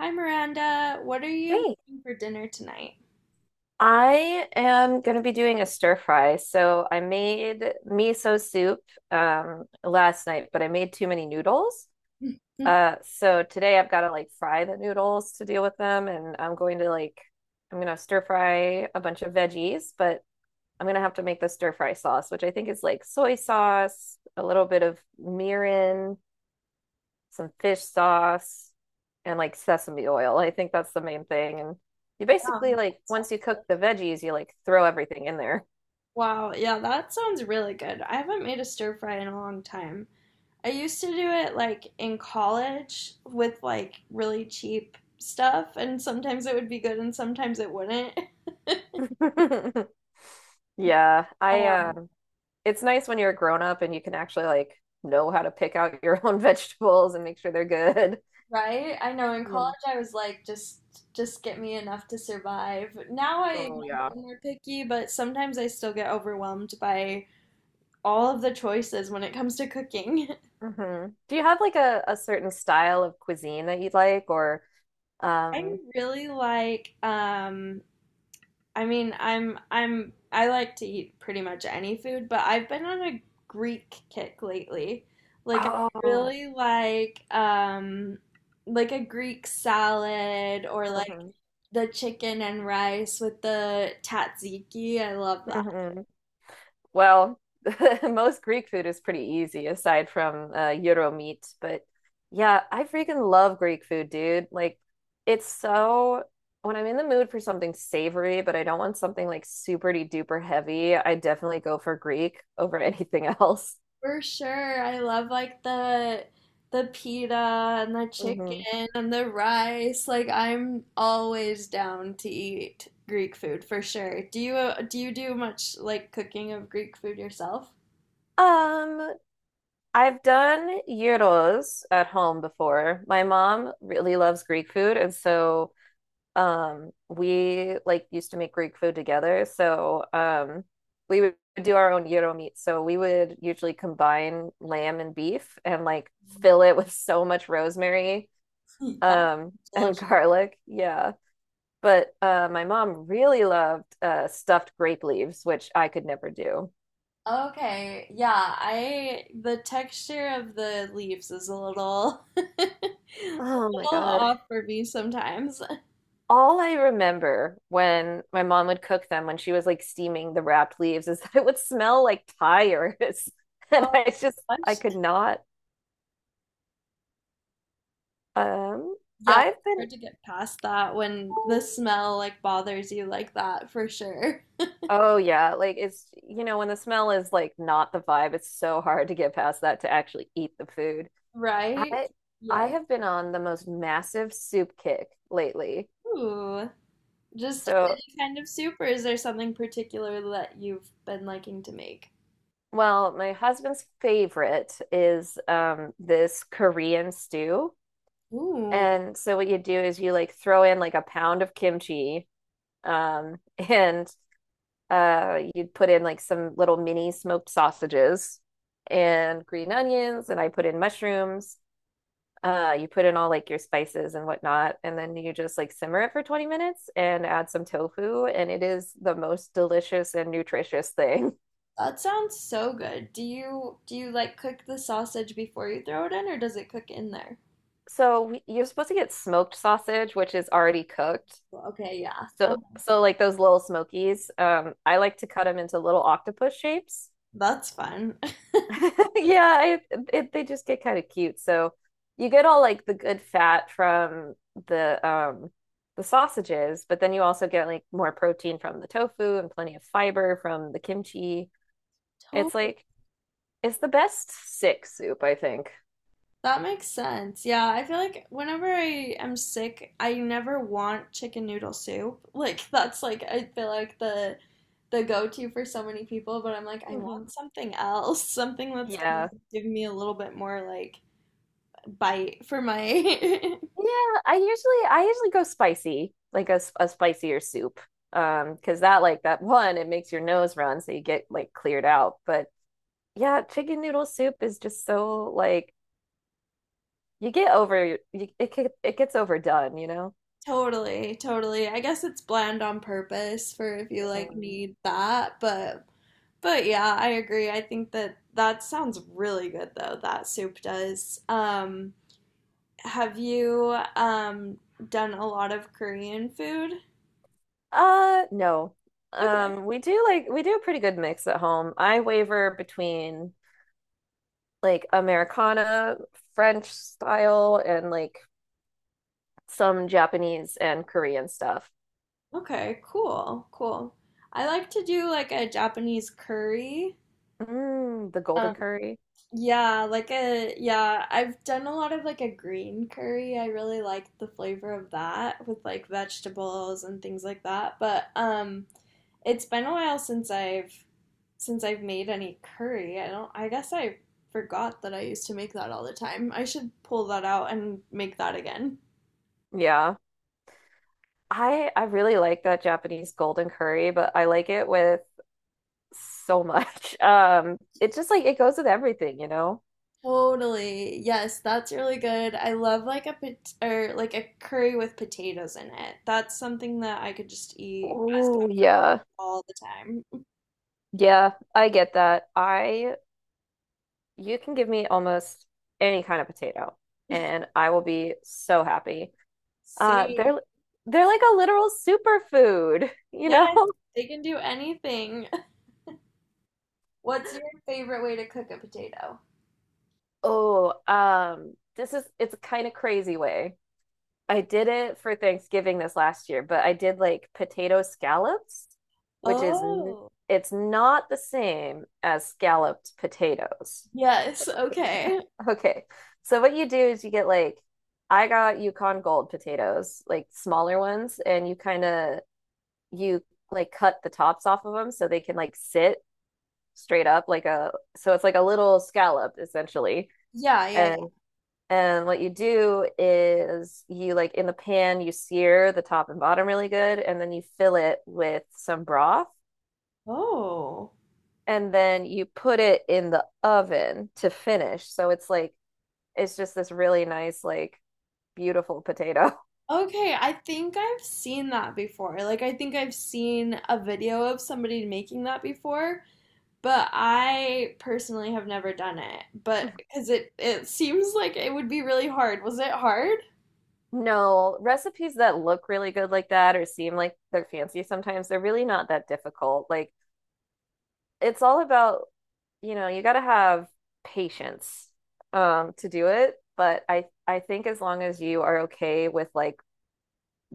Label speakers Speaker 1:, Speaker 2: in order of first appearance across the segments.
Speaker 1: Hi Miranda, what are you
Speaker 2: Hey,
Speaker 1: making for dinner tonight?
Speaker 2: I am going to be doing a stir fry. So I made miso soup last night, but I made too many noodles.
Speaker 1: Yum.
Speaker 2: So today I've got to like fry the noodles to deal with them, and I'm going to like I'm gonna stir fry a bunch of veggies, but I'm gonna have to make the stir fry sauce, which I think is like soy sauce, a little bit of mirin, some fish sauce, and like sesame oil. I think that's the main thing. And you
Speaker 1: That
Speaker 2: basically like
Speaker 1: sounds
Speaker 2: once you cook the
Speaker 1: delicious.
Speaker 2: veggies, you like throw everything in there.
Speaker 1: Wow, yeah, that sounds really good. I haven't made a stir fry in a long time. I used to do it like in college with like really cheap stuff, and sometimes it would be good and sometimes it wouldn't.
Speaker 2: Yeah, I
Speaker 1: Um,
Speaker 2: um It's nice when you're a grown up and you can actually like know how to pick out your own vegetables and make sure they're good.
Speaker 1: right? I know in
Speaker 2: Yeah.
Speaker 1: college I was like just get me enough to survive. Now I'm
Speaker 2: Oh,
Speaker 1: a
Speaker 2: yeah.
Speaker 1: little more picky, but sometimes I still get overwhelmed by all of the choices when it comes to cooking.
Speaker 2: Hmm. Do you have like a certain style of cuisine that you like or
Speaker 1: I
Speaker 2: um
Speaker 1: really like I mean, I'm I like to eat pretty much any food, but I've been on a Greek kick lately. Like I
Speaker 2: oh.
Speaker 1: really like a Greek salad, or like
Speaker 2: Mhm.
Speaker 1: the chicken and rice with the tzatziki. I love that.
Speaker 2: Mhm. Well, most Greek food is pretty easy aside from gyro meat, but yeah, I freaking love Greek food, dude. Like, it's so, when I'm in the mood for something savory, but I don't want something like super duper heavy, I definitely go for Greek over anything else.
Speaker 1: For sure. I love like the pita and the
Speaker 2: Hmm.
Speaker 1: chicken and the rice. Like I'm always down to eat Greek food for sure. Do you do you do much like cooking of Greek food yourself?
Speaker 2: Um, I've done gyros at home before. My mom really loves Greek food, and so we like used to make Greek food together, so we would do our own gyro meat. So we would usually combine lamb and beef and like fill it with so much rosemary
Speaker 1: Hmm, that's
Speaker 2: and
Speaker 1: delicious.
Speaker 2: garlic. Yeah. But my mom really loved stuffed grape leaves, which I could never do.
Speaker 1: Okay, yeah, I the texture of the leaves is a little a
Speaker 2: Oh my
Speaker 1: little
Speaker 2: God.
Speaker 1: off for me sometimes.
Speaker 2: All I remember when my mom would cook them when she was like steaming the wrapped leaves is that it would smell like tires. And
Speaker 1: Oh,
Speaker 2: I just I could not um
Speaker 1: yeah,
Speaker 2: I've
Speaker 1: it's
Speaker 2: been
Speaker 1: hard to get past that when the smell like bothers you like that for sure.
Speaker 2: Oh yeah, like it's you know when the smell is like not the vibe, it's so hard to get past that to actually eat the food.
Speaker 1: Right?
Speaker 2: I I
Speaker 1: Yes.
Speaker 2: have been on the most massive soup kick lately.
Speaker 1: Ooh. Just
Speaker 2: So,
Speaker 1: any kind of soup, or is there something particular that you've been liking to make?
Speaker 2: well, my husband's favorite is this Korean stew.
Speaker 1: Ooh,
Speaker 2: And so what you do is you like throw in like a pound of kimchi, um, and you'd put in like some little mini smoked sausages and green onions, and I put in mushrooms. You put in all like your spices and whatnot, and then you just like simmer it for 20 minutes and add some tofu, and it is the most delicious and nutritious thing.
Speaker 1: that sounds so good. Do you like cook the sausage before you throw it in, or does it cook in there?
Speaker 2: You're supposed to get smoked sausage, which is already cooked.
Speaker 1: Well, okay, yeah.
Speaker 2: So like those little smokies, I like to cut them into little octopus shapes.
Speaker 1: That's fun.
Speaker 2: Yeah, I, they just get kind of cute. So you get all like the good fat from the um the sausages, but then you also get like more protein from the tofu and plenty of fiber from the kimchi. It's
Speaker 1: Totally.
Speaker 2: like it's the best sick soup, I think.
Speaker 1: That makes sense. Yeah, I feel like whenever I am sick, I never want chicken noodle soup. Like that's like I feel like the go-to for so many people, but I'm like I
Speaker 2: Hmm.
Speaker 1: want something else, something that's gonna
Speaker 2: Yeah.
Speaker 1: give me a little bit more like bite for my
Speaker 2: Yeah, I usually go spicy, like a spicier soup. Because that, like that one, it makes your nose run, so you get like cleared out. But yeah, chicken noodle soup is just so like you get over you, it get- it gets overdone, you know?
Speaker 1: totally, totally. I guess it's bland on purpose for if you like
Speaker 2: Mhm.
Speaker 1: need that, but yeah, I agree. I think that that sounds really good though. That soup does. Have you done a lot of Korean food?
Speaker 2: No.
Speaker 1: Okay.
Speaker 2: We do a pretty good mix at home. I waver between like Americana, French style, and like some Japanese and Korean stuff.
Speaker 1: Okay, cool. Cool. I like to do like a Japanese curry.
Speaker 2: Mm, the golden
Speaker 1: Um
Speaker 2: curry.
Speaker 1: yeah, like a yeah, I've done a lot of like a green curry. I really like the flavor of that with like vegetables and things like that. But it's been a while since I've made any curry. I don't I guess I forgot that I used to make that all the time. I should pull that out and make that again.
Speaker 2: Yeah. I really like that Japanese golden curry, but I like it with so much. It just like it goes with everything, you know?
Speaker 1: Totally. Yes, that's really good. I love like a pot or like a curry with potatoes in it. That's something that I could just eat as
Speaker 2: Ooh,
Speaker 1: comfort
Speaker 2: yeah.
Speaker 1: all the time.
Speaker 2: Yeah, I get that. I You can give me almost any kind of potato and I will be so happy. Uh,
Speaker 1: Say
Speaker 2: they're they're like a literal superfood, you know?
Speaker 1: yes, they can do anything. What's your favorite way to cook a potato?
Speaker 2: Oh, this is, it's a kind of crazy way. I did it for Thanksgiving this last year, but I did like potato scallops, which
Speaker 1: Oh,
Speaker 2: it's not the same as scalloped potatoes.
Speaker 1: yes, okay.
Speaker 2: Okay. So what you do is you get like I got Yukon Gold potatoes, like smaller ones, and you kind of you like cut the tops off of them so they can like sit straight up like a so it's like a little scallop essentially.
Speaker 1: Yeah, yeah, yeah.
Speaker 2: And And what you do is you like in the pan, you sear the top and bottom really good, and then you fill it with some broth,
Speaker 1: Oh.
Speaker 2: and then you put it in the oven to finish. So it's like it's just this really nice, like beautiful potato.
Speaker 1: Okay, I think I've seen that before. Like I think I've seen a video of somebody making that before. But I personally have never done it. But because it seems like it would be really hard. Was it hard?
Speaker 2: No, recipes that look really good like that or seem like they're fancy sometimes, they're really not that difficult. Like it's all about you know, you got to have patience to do it, but I think as long as you are okay with like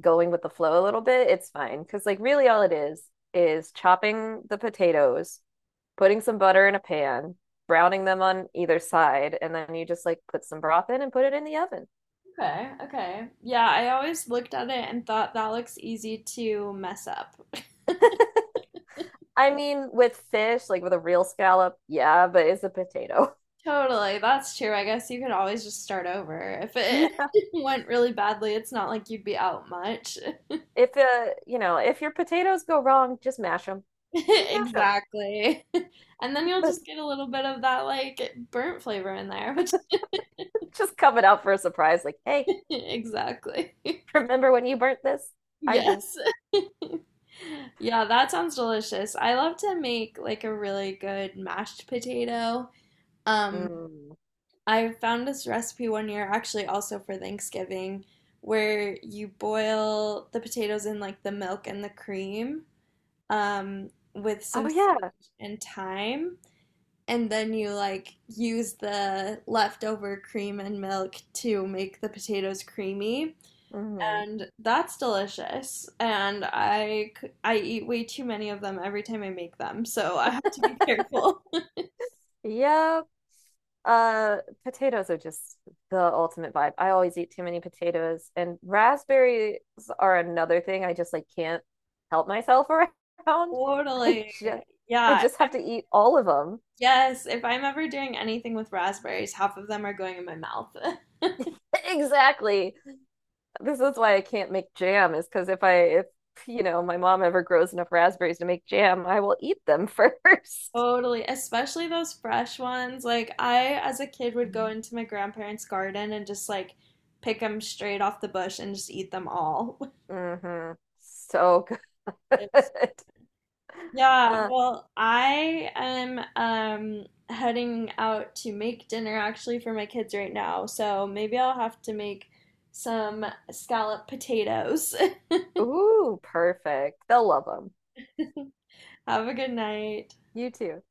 Speaker 2: going with the flow a little bit, it's fine. Because like really all it is chopping the potatoes, putting some butter in a pan, browning them on either side, and then you just like put some broth in and put it in the oven.
Speaker 1: Okay, okay. Yeah, I always looked at it and thought that looks easy to mess up.
Speaker 2: I mean, with fish, like with a real scallop, yeah, but it's a potato.
Speaker 1: Totally, that's true. I guess you could always just start over. If it
Speaker 2: Yeah.
Speaker 1: went really badly, it's not like you'd be out much.
Speaker 2: If you know, if your potatoes go wrong, just mash them. Just mash them.
Speaker 1: Exactly. And then you'll just get a little bit of that like burnt flavor in there, which
Speaker 2: Just coming out for a surprise, like, hey,
Speaker 1: exactly.
Speaker 2: remember when you burnt this? I do.
Speaker 1: Yes. Yeah, that sounds delicious. I love to make like a really good mashed potato. Um,
Speaker 2: Mm.
Speaker 1: I found this recipe one year actually also for Thanksgiving, where you boil the potatoes in like the milk and the cream um with some
Speaker 2: Oh yeah.
Speaker 1: sage and thyme, and then you like use the leftover cream and milk to make the potatoes creamy,
Speaker 2: Mm.
Speaker 1: and that's delicious, and I eat way too many of them every time I make them, so I have to be careful.
Speaker 2: Yeah. Uh, Potatoes are just the ultimate vibe. I always eat too many potatoes, and raspberries are another thing. I just like can't help myself around. I
Speaker 1: Totally.
Speaker 2: just I
Speaker 1: yeah if
Speaker 2: just
Speaker 1: i'm
Speaker 2: have to eat all of them.
Speaker 1: yes, if I'm ever doing anything with raspberries, half of them are going in my mouth.
Speaker 2: Exactly. This is why I can't make jam, is because if you know my mom ever grows enough raspberries to make jam, I will eat them first.
Speaker 1: Totally, especially those fresh ones. Like I, as a kid, would go into my grandparents' garden and just like pick them straight off the bush and just eat them all.
Speaker 2: Hmm. So good.
Speaker 1: It's- yeah,
Speaker 2: Uh,
Speaker 1: well, I am heading out to make dinner actually for my kids right now, so maybe I'll have to make some scallop potatoes.
Speaker 2: Ooh, perfect. They'll love them.
Speaker 1: Have a good night.
Speaker 2: You too.